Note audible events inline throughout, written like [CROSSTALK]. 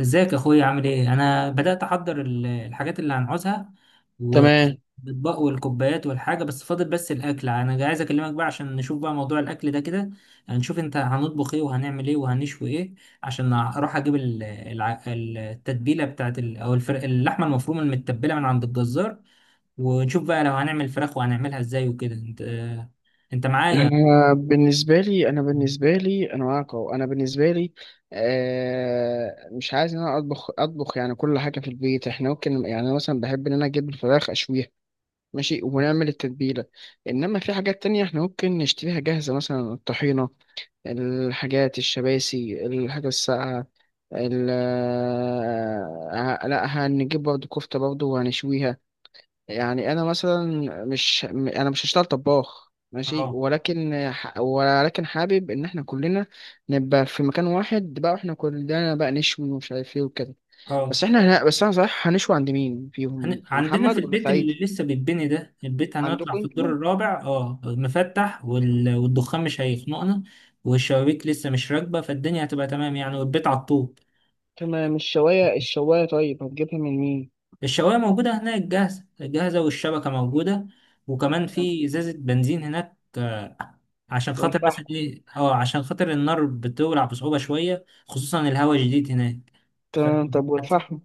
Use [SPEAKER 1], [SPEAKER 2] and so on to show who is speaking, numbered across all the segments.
[SPEAKER 1] ازيك يا اخويا، عامل ايه؟ انا بدات احضر الحاجات اللي هنعوزها
[SPEAKER 2] تمام.
[SPEAKER 1] والاطباق والكوبايات والحاجه، بس فاضل بس الاكل. انا عايز اكلمك بقى عشان نشوف بقى موضوع الاكل ده كده. هنشوف انت هنطبخ ايه وهنعمل ايه وهنشوي ايه، عشان اروح اجيب التتبيله بتاعت اللحمه المفرومه المتبله من عند الجزار، ونشوف بقى لو هنعمل فراخ وهنعملها ازاي وكده. انت، انت معايا؟
[SPEAKER 2] انا معاك اهو. انا بالنسبه لي، مش عايز ان انا اطبخ يعني كل حاجه في البيت. احنا ممكن، يعني انا مثلا بحب ان انا اجيب الفراخ اشويها. ماشي، ونعمل التتبيله. انما في حاجات تانية احنا ممكن نشتريها جاهزه، مثلا الطحينه، الحاجات الشباسي، الحاجه الساقعه. ال آه، لا، هنجيب برضه كفته برضه وهنشويها. يعني انا مثلا مش م- انا مش هشتغل طباخ. ماشي،
[SPEAKER 1] اه.
[SPEAKER 2] ولكن حابب ان احنا كلنا نبقى في مكان واحد، بقى واحنا كلنا بقى نشوي ومش عارف ايه وكده.
[SPEAKER 1] اه.
[SPEAKER 2] بس انا صح، هنشوي عند مين فيهم،
[SPEAKER 1] عندنا
[SPEAKER 2] محمد
[SPEAKER 1] في
[SPEAKER 2] ولا
[SPEAKER 1] البيت اللي
[SPEAKER 2] سعيد؟
[SPEAKER 1] لسه بيتبني ده، البيت هنطلع
[SPEAKER 2] عندكم
[SPEAKER 1] في الدور
[SPEAKER 2] انتوا؟
[SPEAKER 1] الرابع، اه مفتح والدخان مش هيخنقنا، والشبابيك لسه مش راكبة، فالدنيا هتبقى تمام يعني، والبيت على الطوب.
[SPEAKER 2] تمام. الشوايه طيب هتجيبها من مين؟
[SPEAKER 1] الشواية موجودة هناك، جاهزة جاهزة، والشبكة موجودة، وكمان
[SPEAKER 2] تمام.
[SPEAKER 1] في إزازة بنزين هناك، آه، عشان خاطر
[SPEAKER 2] والفحم؟
[SPEAKER 1] مثلا ايه، اه عشان خاطر النار بتولع بصعوبة شوية، خصوصا الهواء شديد هناك. ف...
[SPEAKER 2] تمام، طب والفحم؟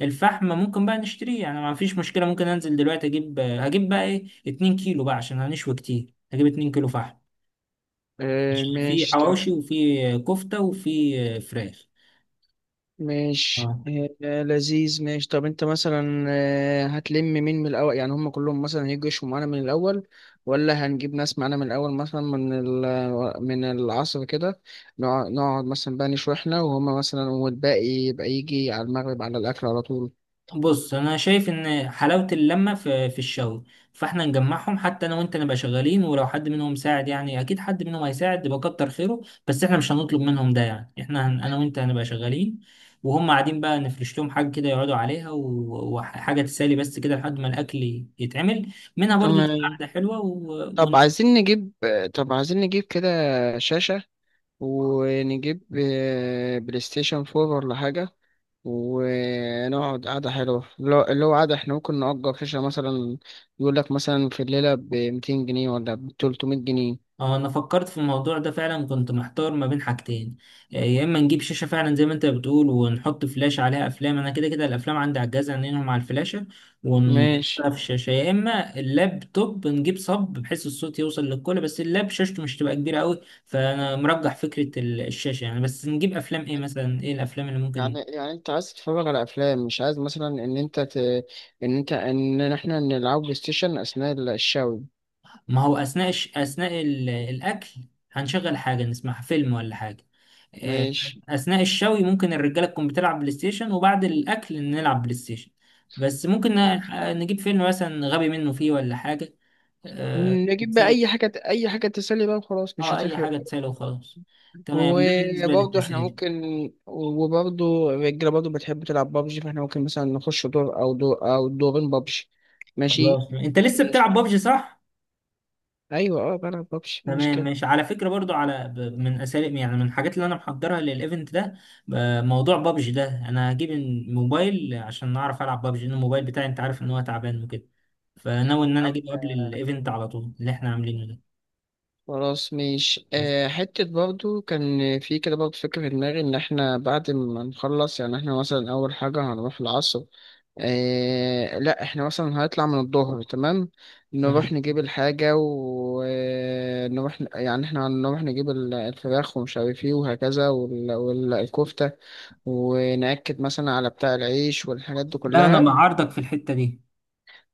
[SPEAKER 1] الفحم ممكن بقى نشتريه يعني، ما فيش مشكلة. ممكن انزل دلوقتي اجيب، هجيب بقى ايه، 2 كيلو بقى، عشان هنشوي كتير هجيب 2 كيلو فحم،
[SPEAKER 2] آه
[SPEAKER 1] عشان في
[SPEAKER 2] ماشي،
[SPEAKER 1] حواوشي
[SPEAKER 2] تمام.
[SPEAKER 1] وفي كفتة وفي فراخ.
[SPEAKER 2] ماشي.
[SPEAKER 1] اه.
[SPEAKER 2] لذيذ، ماشي. طب انت مثلا هتلم مين من الاول؟ يعني هم كلهم مثلا هيجوا يشوا معانا من الاول، ولا هنجيب ناس معانا من الاول، مثلا من العصر كده؟ نقعد مثلا بقى نشوي احنا وهم مثلا، والباقي يبقى يجي على المغرب على الاكل على طول.
[SPEAKER 1] بص انا شايف ان حلاوه اللمه في في الشغل، فاحنا نجمعهم. حتى انا وانت نبقى شغالين، ولو حد منهم ساعد يعني، اكيد حد منهم هيساعد، يبقى كتر خيره. بس احنا مش هنطلب منهم ده، يعني احنا انا وانت هنبقى شغالين وهم قاعدين. بقى نفرش لهم حاجه كده يقعدوا عليها، وحاجه تسالي بس كده لحد ما الاكل يتعمل، منها برضو تبقى
[SPEAKER 2] تمام.
[SPEAKER 1] قاعده حلوه
[SPEAKER 2] طب عايزين نجيب طب عايزين نجيب كده شاشة، ونجيب بلاي ستيشن 4 ولا حاجة، ونقعد قعدة حلوة اللي هو قعدة. احنا ممكن نأجر شاشة مثلا، يقول لك مثلا في الليلة ب 200 جنيه ولا ب 300 جنيه.
[SPEAKER 1] اه انا فكرت في الموضوع ده فعلا، كنت محتار ما بين حاجتين. آه، يا اما نجيب شاشه فعلا زي ما انت بتقول، ونحط فلاش عليها افلام، انا كده كده الافلام عندي على الجهاز هنلهم على الفلاشه
[SPEAKER 2] ماشي.
[SPEAKER 1] ونحطها في الشاشه، يا اما اللابتوب نجيب صب بحيث الصوت يوصل للكل، بس اللاب شاشته مش تبقى كبيره قوي، فانا مرجح فكره الشاشه يعني. بس نجيب افلام ايه مثلا، ايه الافلام اللي ممكن؟
[SPEAKER 2] يعني انت عايز تتفرج على افلام، مش عايز مثلا ان انت ت... ان انت ان احنا نلعب بلاي ستيشن اثناء الشاوي؟
[SPEAKER 1] ما هو اثناء اثناء الاكل هنشغل حاجه نسمعها، فيلم ولا حاجه. آه،
[SPEAKER 2] ماشي.
[SPEAKER 1] اثناء الشوي ممكن الرجاله تكون بتلعب بلاي ستيشن، وبعد الاكل نلعب بلاي ستيشن. بس ممكن
[SPEAKER 2] خلاص.
[SPEAKER 1] آه، نجيب فيلم مثلا غبي منه فيه ولا حاجه. آه،
[SPEAKER 2] نجيب بقى
[SPEAKER 1] نتسلى.
[SPEAKER 2] اي حاجة تسلي بقى وخلاص، مش
[SPEAKER 1] اه اي
[SPEAKER 2] هتفرق.
[SPEAKER 1] حاجه تسلى وخلاص. تمام، ده بالنسبه
[SPEAKER 2] وبرضه احنا
[SPEAKER 1] للتسالي.
[SPEAKER 2] ممكن وبرضه الرجالة برضه بتحب تلعب بابجي، فاحنا ممكن مثلا نخش دور أو دور أو دورين بابجي.
[SPEAKER 1] خلاص،
[SPEAKER 2] ماشي.
[SPEAKER 1] انت لسه
[SPEAKER 2] ماشي.
[SPEAKER 1] بتلعب بابجي، صح؟
[SPEAKER 2] أيوة، أه، بلعب بابجي مش
[SPEAKER 1] تمام،
[SPEAKER 2] كده.
[SPEAKER 1] ماشي. على فكرة برضو، على من اساليب يعني، من الحاجات اللي انا محضرها للايفنت ده، ب- موضوع بابجي ده، انا هجيب الموبايل عشان اعرف العب بابجي، لان الموبايل بتاعي انت عارف ان هو تعبان وكده، فناوي ان انا
[SPEAKER 2] عم-
[SPEAKER 1] اجيبه قبل الايفنت على طول اللي احنا عاملينه ده.
[SPEAKER 2] خلاص، مش آه حتة برضه كان في كده برضه فكرة في دماغي، إن احنا بعد ما نخلص يعني احنا مثلا أول حاجة هنروح العصر، إيه لا احنا مثلا هنطلع من الظهر، تمام.
[SPEAKER 1] مم.
[SPEAKER 2] نروح نجيب الحاجة ونروح، يعني احنا هنروح نجيب الفراخ ومش عارف ايه وهكذا، والكفتة، ونأكد مثلا على بتاع العيش والحاجات دي
[SPEAKER 1] لا انا
[SPEAKER 2] كلها.
[SPEAKER 1] مع عرضك في الحتة دي.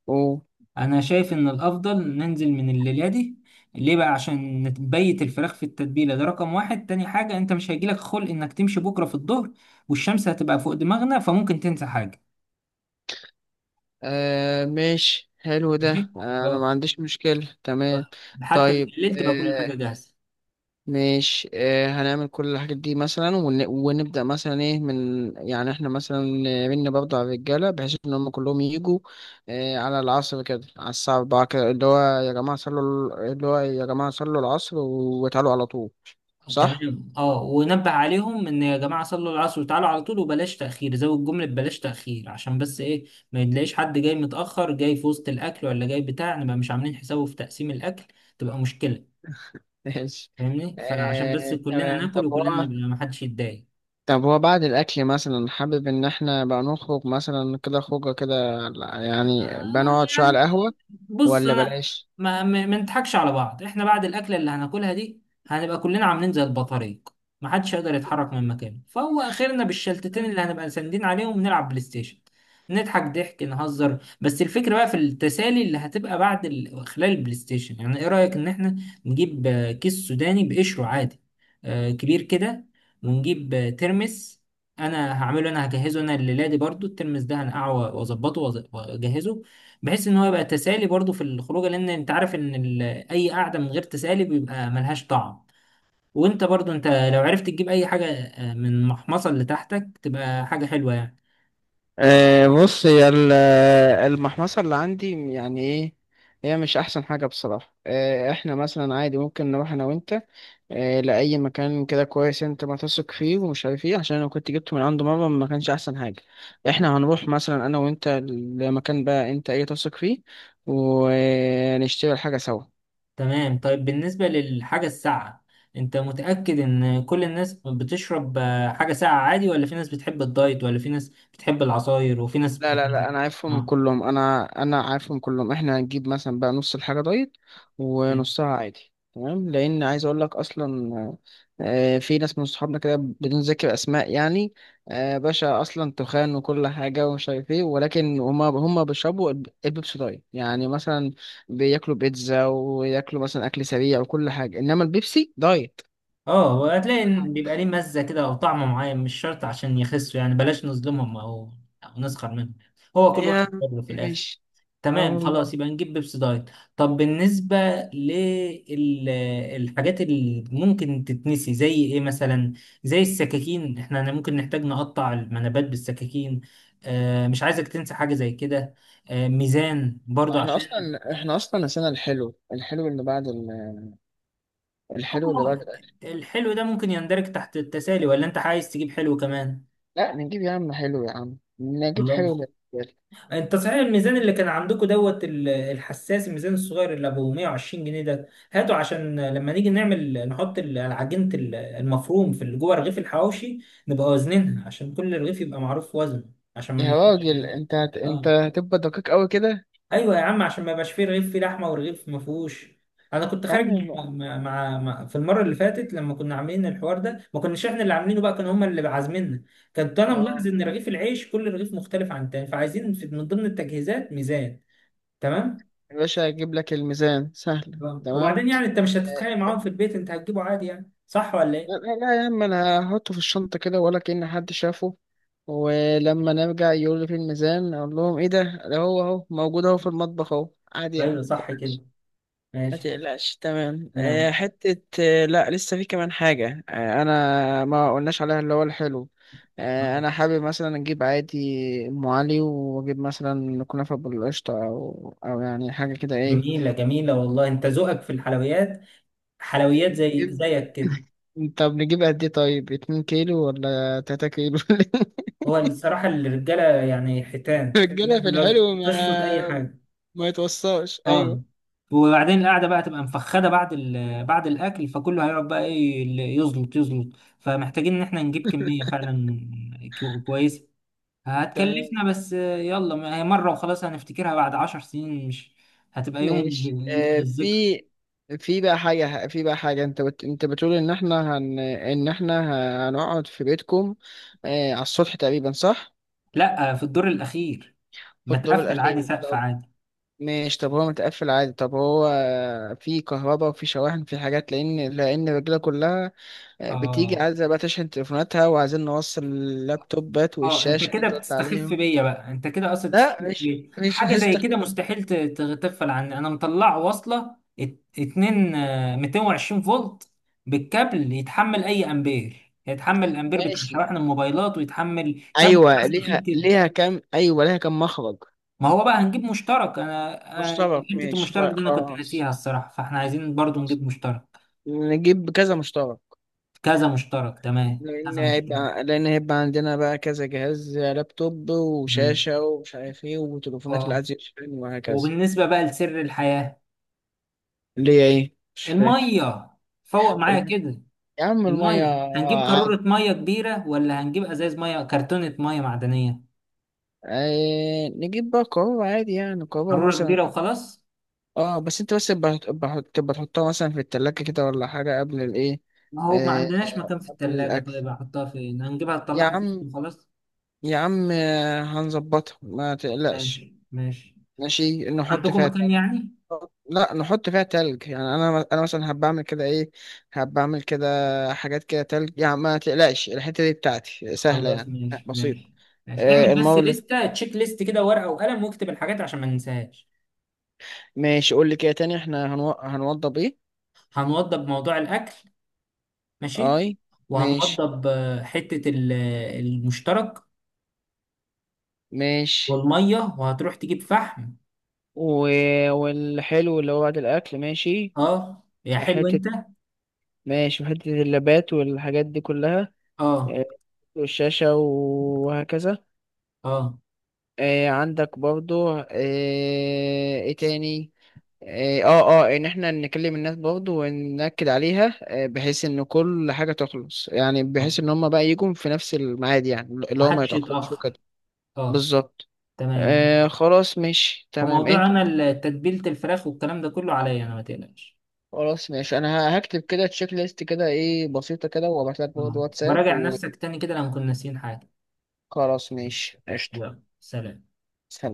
[SPEAKER 2] و
[SPEAKER 1] انا شايف ان الافضل ننزل من الليلة دي. ليه بقى؟ عشان نبيت الفراخ في التتبيلة، ده رقم واحد. تاني حاجة، انت مش هيجيلك خلق انك تمشي بكرة في الظهر والشمس هتبقى فوق دماغنا، فممكن تنسى حاجة.
[SPEAKER 2] آه ماشي، حلو
[SPEAKER 1] ماشي،
[SPEAKER 2] ده. انا ما عنديش مشكلة، تمام.
[SPEAKER 1] حتى
[SPEAKER 2] طيب
[SPEAKER 1] بالليل تبقى كل حاجة جاهزة.
[SPEAKER 2] ماشي. هنعمل كل الحاجات دي مثلا ونبدأ مثلا ايه من، يعني احنا مثلا من برضه على الرجالة، بحيث ان هم كلهم يجوا على العصر كده على الساعة 4 كده، اللي هو يا جماعة صلوا، اللي هو يا جماعة صلوا العصر وتعالوا على طول. صح؟
[SPEAKER 1] تمام، اه. ونبه عليهم ان يا جماعة صلوا العصر وتعالوا على طول، وبلاش تأخير. زود جملة بلاش تأخير، عشان بس ايه، ما يتلاقيش حد جاي متأخر، جاي في وسط الأكل، ولا جاي بتاع نبقى مش عاملين حسابه في تقسيم الأكل، تبقى مشكلة.
[SPEAKER 2] [LAUGHS] ماشي.
[SPEAKER 1] فاهمني؟ فعشان بس كلنا
[SPEAKER 2] تمام.
[SPEAKER 1] ناكل
[SPEAKER 2] طب
[SPEAKER 1] وكلنا
[SPEAKER 2] هو
[SPEAKER 1] نبقى ما حدش يتضايق.
[SPEAKER 2] طب هو بعد الأكل مثلا حابب إن احنا بقى نخرج مثلا كده خروجة كده؟ يعني بقى
[SPEAKER 1] آه،
[SPEAKER 2] نقعد شوية على
[SPEAKER 1] يعني
[SPEAKER 2] القهوة
[SPEAKER 1] بص
[SPEAKER 2] ولا
[SPEAKER 1] انا،
[SPEAKER 2] بلاش؟
[SPEAKER 1] ما نضحكش على بعض. احنا بعد الاكله اللي هناكلها دي هنبقى كلنا عاملين زي البطاريق، ما حدش يقدر يتحرك من مكانه، فهو اخرنا بالشلتتين اللي هنبقى ساندين عليهم نلعب بلاي ستيشن، نضحك ضحك، نهزر. بس الفكره بقى في التسالي اللي هتبقى خلال البلاي ستيشن. يعني ايه رايك ان احنا نجيب آه، كيس سوداني بقشره عادي، آه، كبير كده، ونجيب آه، ترمس. انا هعمله، انا هجهزه انا لليلادي برضو. الترمس ده هنقعه واظبطه واجهزه، بحيث ان هو يبقى تسالي برضو في الخروجه. لان انت عارف ان اي قعده من غير تسالي بيبقى ملهاش طعم. وانت برضو، انت لو عرفت تجيب اي حاجه آه، من المحمصه اللي تحتك، تبقى حاجه حلوه يعني.
[SPEAKER 2] بص، المحمصة اللي عندي يعني ايه. هي مش احسن حاجة بصراحة. احنا مثلا عادي ممكن نروح انا وانت لأي مكان كده كويس انت ما تثق فيه ومش عارف ايه، عشان انا كنت جبته من عنده مرة ما كانش احسن حاجة. احنا هنروح مثلا انا وانت لمكان بقى انت ايه تثق فيه، ونشتري الحاجة سوا.
[SPEAKER 1] تمام. طيب بالنسبه للحاجه الساقعه، انت متاكد ان كل الناس بتشرب آه، حاجه ساقعه عادي، ولا في ناس بتحب الدايت، ولا في ناس بتحب العصاير، وفي ناس
[SPEAKER 2] لا لا لا، انا عارفهم
[SPEAKER 1] اه.
[SPEAKER 2] كلهم. انا عارفهم كلهم. احنا هنجيب مثلا بقى نص الحاجه دايت ونصها عادي، تمام. لان عايز اقول لك اصلا في ناس من صحابنا كده بدون ذكر اسماء يعني، باشا اصلا تخان وكل حاجه ومش عارف ايه، ولكن هما بيشربوا البيبسي دايت، يعني مثلا بياكلوا بيتزا وياكلوا مثلا اكل سريع وكل حاجه، انما البيبسي دايت.
[SPEAKER 1] اه وهتلاقي إن بيبقى ليه مزة كده او طعم معين، مش شرط عشان يخسوا يعني. بلاش نظلمهم او او نسخر منهم، هو كل واحد
[SPEAKER 2] يا
[SPEAKER 1] حر في الاخر.
[SPEAKER 2] مش سبحان
[SPEAKER 1] تمام،
[SPEAKER 2] الله.
[SPEAKER 1] خلاص يبقى نجيب بيبسي دايت. طب بالنسبة للحاجات اللي ممكن تتنسي زي ايه مثلا، زي السكاكين. احنا ممكن نحتاج نقطع المنابات بالسكاكين. آه مش عايزك تنسى حاجة زي كده. آه ميزان برضو
[SPEAKER 2] احنا
[SPEAKER 1] عشان
[SPEAKER 2] اصلا احنا اصلا نسينا الحلو، الحلو اللي
[SPEAKER 1] آه،
[SPEAKER 2] بعد الأكل.
[SPEAKER 1] الحلو ده ممكن يندرج تحت التسالي، ولا انت عايز تجيب حلو كمان؟
[SPEAKER 2] لا نجيب يا عم حلو، يا عم نجيب حلو
[SPEAKER 1] خلاص.
[SPEAKER 2] للرجال.
[SPEAKER 1] انت صحيح، الميزان اللي كان عندكم دوت الحساس، الميزان الصغير اللي ابو 120 جنيه ده، هاته عشان لما نيجي نعمل، نحط العجينة المفروم في جوه رغيف الحواوشي، نبقى وزنينها عشان كل رغيف يبقى معروف وزنه، عشان ما
[SPEAKER 2] يا
[SPEAKER 1] نحطش.
[SPEAKER 2] راجل انت
[SPEAKER 1] اه
[SPEAKER 2] هتبقى دقيق قوي كده.
[SPEAKER 1] ايوه يا عم، عشان ما يبقاش فيه رغيف فيه لحمه ورغيف ما فيهوش. انا كنت
[SPEAKER 2] يا
[SPEAKER 1] خارج
[SPEAKER 2] عم،
[SPEAKER 1] مع في المره اللي فاتت، لما كنا عاملين الحوار ده، ما كناش احنا اللي عاملينه بقى، كانوا هم اللي عازميننا. كنت انا ملاحظ
[SPEAKER 2] اه.
[SPEAKER 1] ان رغيف العيش كل رغيف مختلف عن التاني، فعايزين في من ضمن التجهيزات ميزان. تمام.
[SPEAKER 2] يا باشا هجيب لك الميزان، سهل،
[SPEAKER 1] آه،
[SPEAKER 2] تمام.
[SPEAKER 1] وبعدين يعني انت مش هتتخانق
[SPEAKER 2] آه،
[SPEAKER 1] معاهم في البيت؟ انت هتجيبه عادي يعني، صح ولا
[SPEAKER 2] لا
[SPEAKER 1] ايه؟
[SPEAKER 2] لا لا يا عم، انا هحطه في الشنطة كده ولا كأن حد شافه. ولما نرجع يقول لي في الميزان اقول لهم ايه ده، ده هو اهو موجود اهو في المطبخ اهو، عادي يعني.
[SPEAKER 1] ايوه صح كده،
[SPEAKER 2] لا
[SPEAKER 1] ماشي.
[SPEAKER 2] تقلقش، تمام.
[SPEAKER 1] تمام.
[SPEAKER 2] آه، حتة آه، لا لسه في كمان حاجة، أنا ما قلناش عليها، اللي هو الحلو.
[SPEAKER 1] آه.
[SPEAKER 2] أنا حابب مثلا أجيب عادي أم علي، وأجيب مثلا كنافة بالقشطة أو أو يعني حاجة كده، إيه.
[SPEAKER 1] جميلة جميلة والله، انت ذوقك في الحلويات، حلويات زي
[SPEAKER 2] نجيب-
[SPEAKER 1] زيك كده.
[SPEAKER 2] طب نجيب قد إيه؟ طيب اتنين كيلو ولا تلاتة كيلو؟ [LAUGHS]
[SPEAKER 1] هو الصراحة الرجالة يعني حيتان
[SPEAKER 2] الرجالة في
[SPEAKER 1] برضه، لو
[SPEAKER 2] الحلو
[SPEAKER 1] تشفط اي
[SPEAKER 2] ما،
[SPEAKER 1] حاجة.
[SPEAKER 2] ما يتوصاش،
[SPEAKER 1] اه،
[SPEAKER 2] أيوه.
[SPEAKER 1] وبعدين القعدة بقى تبقى مفخدة بعد بعد الأكل، فكله هيقعد بقى إيه، اللي يزلط يزلط. فمحتاجين إن إحنا نجيب كمية
[SPEAKER 2] [LAUGHS]
[SPEAKER 1] فعلا كويسة. هتكلفنا،
[SPEAKER 2] تمام
[SPEAKER 1] بس يلا، ما هي مرة وخلاص، هنفتكرها بعد 10 سنين. مش هتبقى يوم
[SPEAKER 2] ماشي. آه في
[SPEAKER 1] للذكر.
[SPEAKER 2] في بقى حاجة في بقى حاجة انت بتقول ان احنا هن... ان احنا ه- هنقعد في بيتكم على السطح تقريبا، صح؟
[SPEAKER 1] لا، في الدور الأخير،
[SPEAKER 2] في الدور
[SPEAKER 1] متقفل عادي،
[SPEAKER 2] الأخير؟
[SPEAKER 1] سقف
[SPEAKER 2] طب
[SPEAKER 1] عادي.
[SPEAKER 2] ماشي، طب هو متقفل عادي؟ طب هو في كهرباء وفي شواحن، في حاجات؟ لأن الرجالة كلها بتيجي
[SPEAKER 1] اه.
[SPEAKER 2] عايزة بقى تشحن تليفوناتها، وعايزين نوصل اللابتوبات
[SPEAKER 1] اه انت
[SPEAKER 2] والشاشة اللي
[SPEAKER 1] كده
[SPEAKER 2] انت قلت
[SPEAKER 1] بتستخف
[SPEAKER 2] عليهم.
[SPEAKER 1] بيا بقى، انت كده اصلا بتستخف
[SPEAKER 2] لا
[SPEAKER 1] بيا.
[SPEAKER 2] مش
[SPEAKER 1] حاجة زي
[SPEAKER 2] هستخدم.
[SPEAKER 1] كده مستحيل تغفل عني. انا مطلع واصلة اتنين، آه، 220 فولت بالكابل، يتحمل اي امبير، يتحمل الامبير بتاع
[SPEAKER 2] ماشي.
[SPEAKER 1] شواحن الموبايلات، ويتحمل كابل بتاع
[SPEAKER 2] ايوه
[SPEAKER 1] تخين
[SPEAKER 2] ليها
[SPEAKER 1] كده.
[SPEAKER 2] ليها كام ايوه ليها كام مخرج؟
[SPEAKER 1] ما هو بقى هنجيب مشترك.
[SPEAKER 2] مشترك،
[SPEAKER 1] حته
[SPEAKER 2] ماشي،
[SPEAKER 1] المشترك
[SPEAKER 2] لا
[SPEAKER 1] دي انا كنت
[SPEAKER 2] خلاص.
[SPEAKER 1] ناسيها الصراحه، فاحنا عايزين برضو
[SPEAKER 2] خلاص،
[SPEAKER 1] نجيب مشترك.
[SPEAKER 2] نجيب كذا مشترك.
[SPEAKER 1] كذا مشترك، تمام،
[SPEAKER 2] لأن
[SPEAKER 1] كذا مشترك.
[SPEAKER 2] هيبقى لأن هيبقى عندنا بقى كذا جهاز، لابتوب
[SPEAKER 1] تمام،
[SPEAKER 2] وشاشة ومش عارف ايه وتليفونات اللي
[SPEAKER 1] اه.
[SPEAKER 2] عايز يشحن وهكذا.
[SPEAKER 1] وبالنسبه بقى لسر الحياه،
[SPEAKER 2] اللي هي ايه؟ مش فاهم.
[SPEAKER 1] الميه، فوق معايا كده.
[SPEAKER 2] يا عم المية
[SPEAKER 1] الميه هنجيب
[SPEAKER 2] عادي.
[SPEAKER 1] قاروره ميه كبيره، ولا هنجيب ازاز ميه، كرتونه ميه معدنيه؟
[SPEAKER 2] آه، نجيب بقى قارورة عادي، يعني قارورة
[SPEAKER 1] قاروره
[SPEAKER 2] مثلا.
[SPEAKER 1] كبيره وخلاص.
[SPEAKER 2] اه، بس انت بس تبقى تحطها مثلا في التلاجة كده ولا حاجة قبل الايه؟
[SPEAKER 1] ما هو ما
[SPEAKER 2] آه،
[SPEAKER 1] عندناش مكان في
[SPEAKER 2] قبل
[SPEAKER 1] الثلاجه،
[SPEAKER 2] الأكل.
[SPEAKER 1] طيب احطها فين، هنجيبها
[SPEAKER 2] يا
[SPEAKER 1] نطلعها فين
[SPEAKER 2] عم،
[SPEAKER 1] وخلاص.
[SPEAKER 2] يا عم، هنظبطها، ما تقلقش.
[SPEAKER 1] ماشي ماشي.
[SPEAKER 2] ماشي، نحط
[SPEAKER 1] عندكم
[SPEAKER 2] فيها
[SPEAKER 1] مكان
[SPEAKER 2] تلج.
[SPEAKER 1] يعني.
[SPEAKER 2] لا نحط فيها تلج، يعني انا مثلا هبقى اعمل كده ايه، هبقى اعمل كده حاجات كده تلج، يعني ما تقلقش، الحته دي بتاعتي سهله،
[SPEAKER 1] خلاص
[SPEAKER 2] يعني
[SPEAKER 1] ماشي
[SPEAKER 2] بسيطه.
[SPEAKER 1] ماشي. ماشي،
[SPEAKER 2] آه
[SPEAKER 1] اعمل بس
[SPEAKER 2] المره اللي ف-
[SPEAKER 1] لستة، تشيك ليست كده، ورقة وقلم، واكتب الحاجات عشان ما ننساهاش.
[SPEAKER 2] ماشي. قول لي كده تاني، احنا هنوضب ايه؟
[SPEAKER 1] هنوضب موضوع الأكل، ماشي،
[SPEAKER 2] اي. ماشي،
[SPEAKER 1] وهنوضب آه، حتة آه، المشترك
[SPEAKER 2] ماشي.
[SPEAKER 1] والمية، وهتروح تجيب فحم.
[SPEAKER 2] و... والحلو اللي هو بعد الاكل، ماشي.
[SPEAKER 1] اه يا حلو
[SPEAKER 2] حته،
[SPEAKER 1] انت.
[SPEAKER 2] ماشي، وحته اللابات والحاجات دي كلها.
[SPEAKER 1] اه.
[SPEAKER 2] آه، والشاشه وهكذا.
[SPEAKER 1] اه.
[SPEAKER 2] آه، عندك برضو. آه، ايه تاني. اه، اه، ان احنا نكلم الناس برضو ونأكد عليها، آه، بحيث ان كل حاجة تخلص يعني،
[SPEAKER 1] آه.
[SPEAKER 2] بحيث ان هم بقى يجوا في نفس الميعاد، يعني اللي هو ما
[SPEAKER 1] محدش
[SPEAKER 2] يتأخرش وكده.
[SPEAKER 1] يتأخر. اه.
[SPEAKER 2] بالظبط.
[SPEAKER 1] تمام.
[SPEAKER 2] آه، خلاص، ماشي، تمام
[SPEAKER 1] وموضوع
[SPEAKER 2] انت.
[SPEAKER 1] انا تتبيلة الفراخ والكلام ده كله عليا انا، ما تقلقش.
[SPEAKER 2] خلاص، ماشي، انا هكتب كده تشيك ليست كده، ايه بسيطة كده، وابعت لك برضو
[SPEAKER 1] آه.
[SPEAKER 2] واتساب.
[SPEAKER 1] وراجع نفسك تاني كده لو كنا ناسيين حاجة.
[SPEAKER 2] وخلاص،
[SPEAKER 1] ماشي.
[SPEAKER 2] ماشي، قشطة.
[SPEAKER 1] يلا، سلام.
[SPEAKER 2] سلام.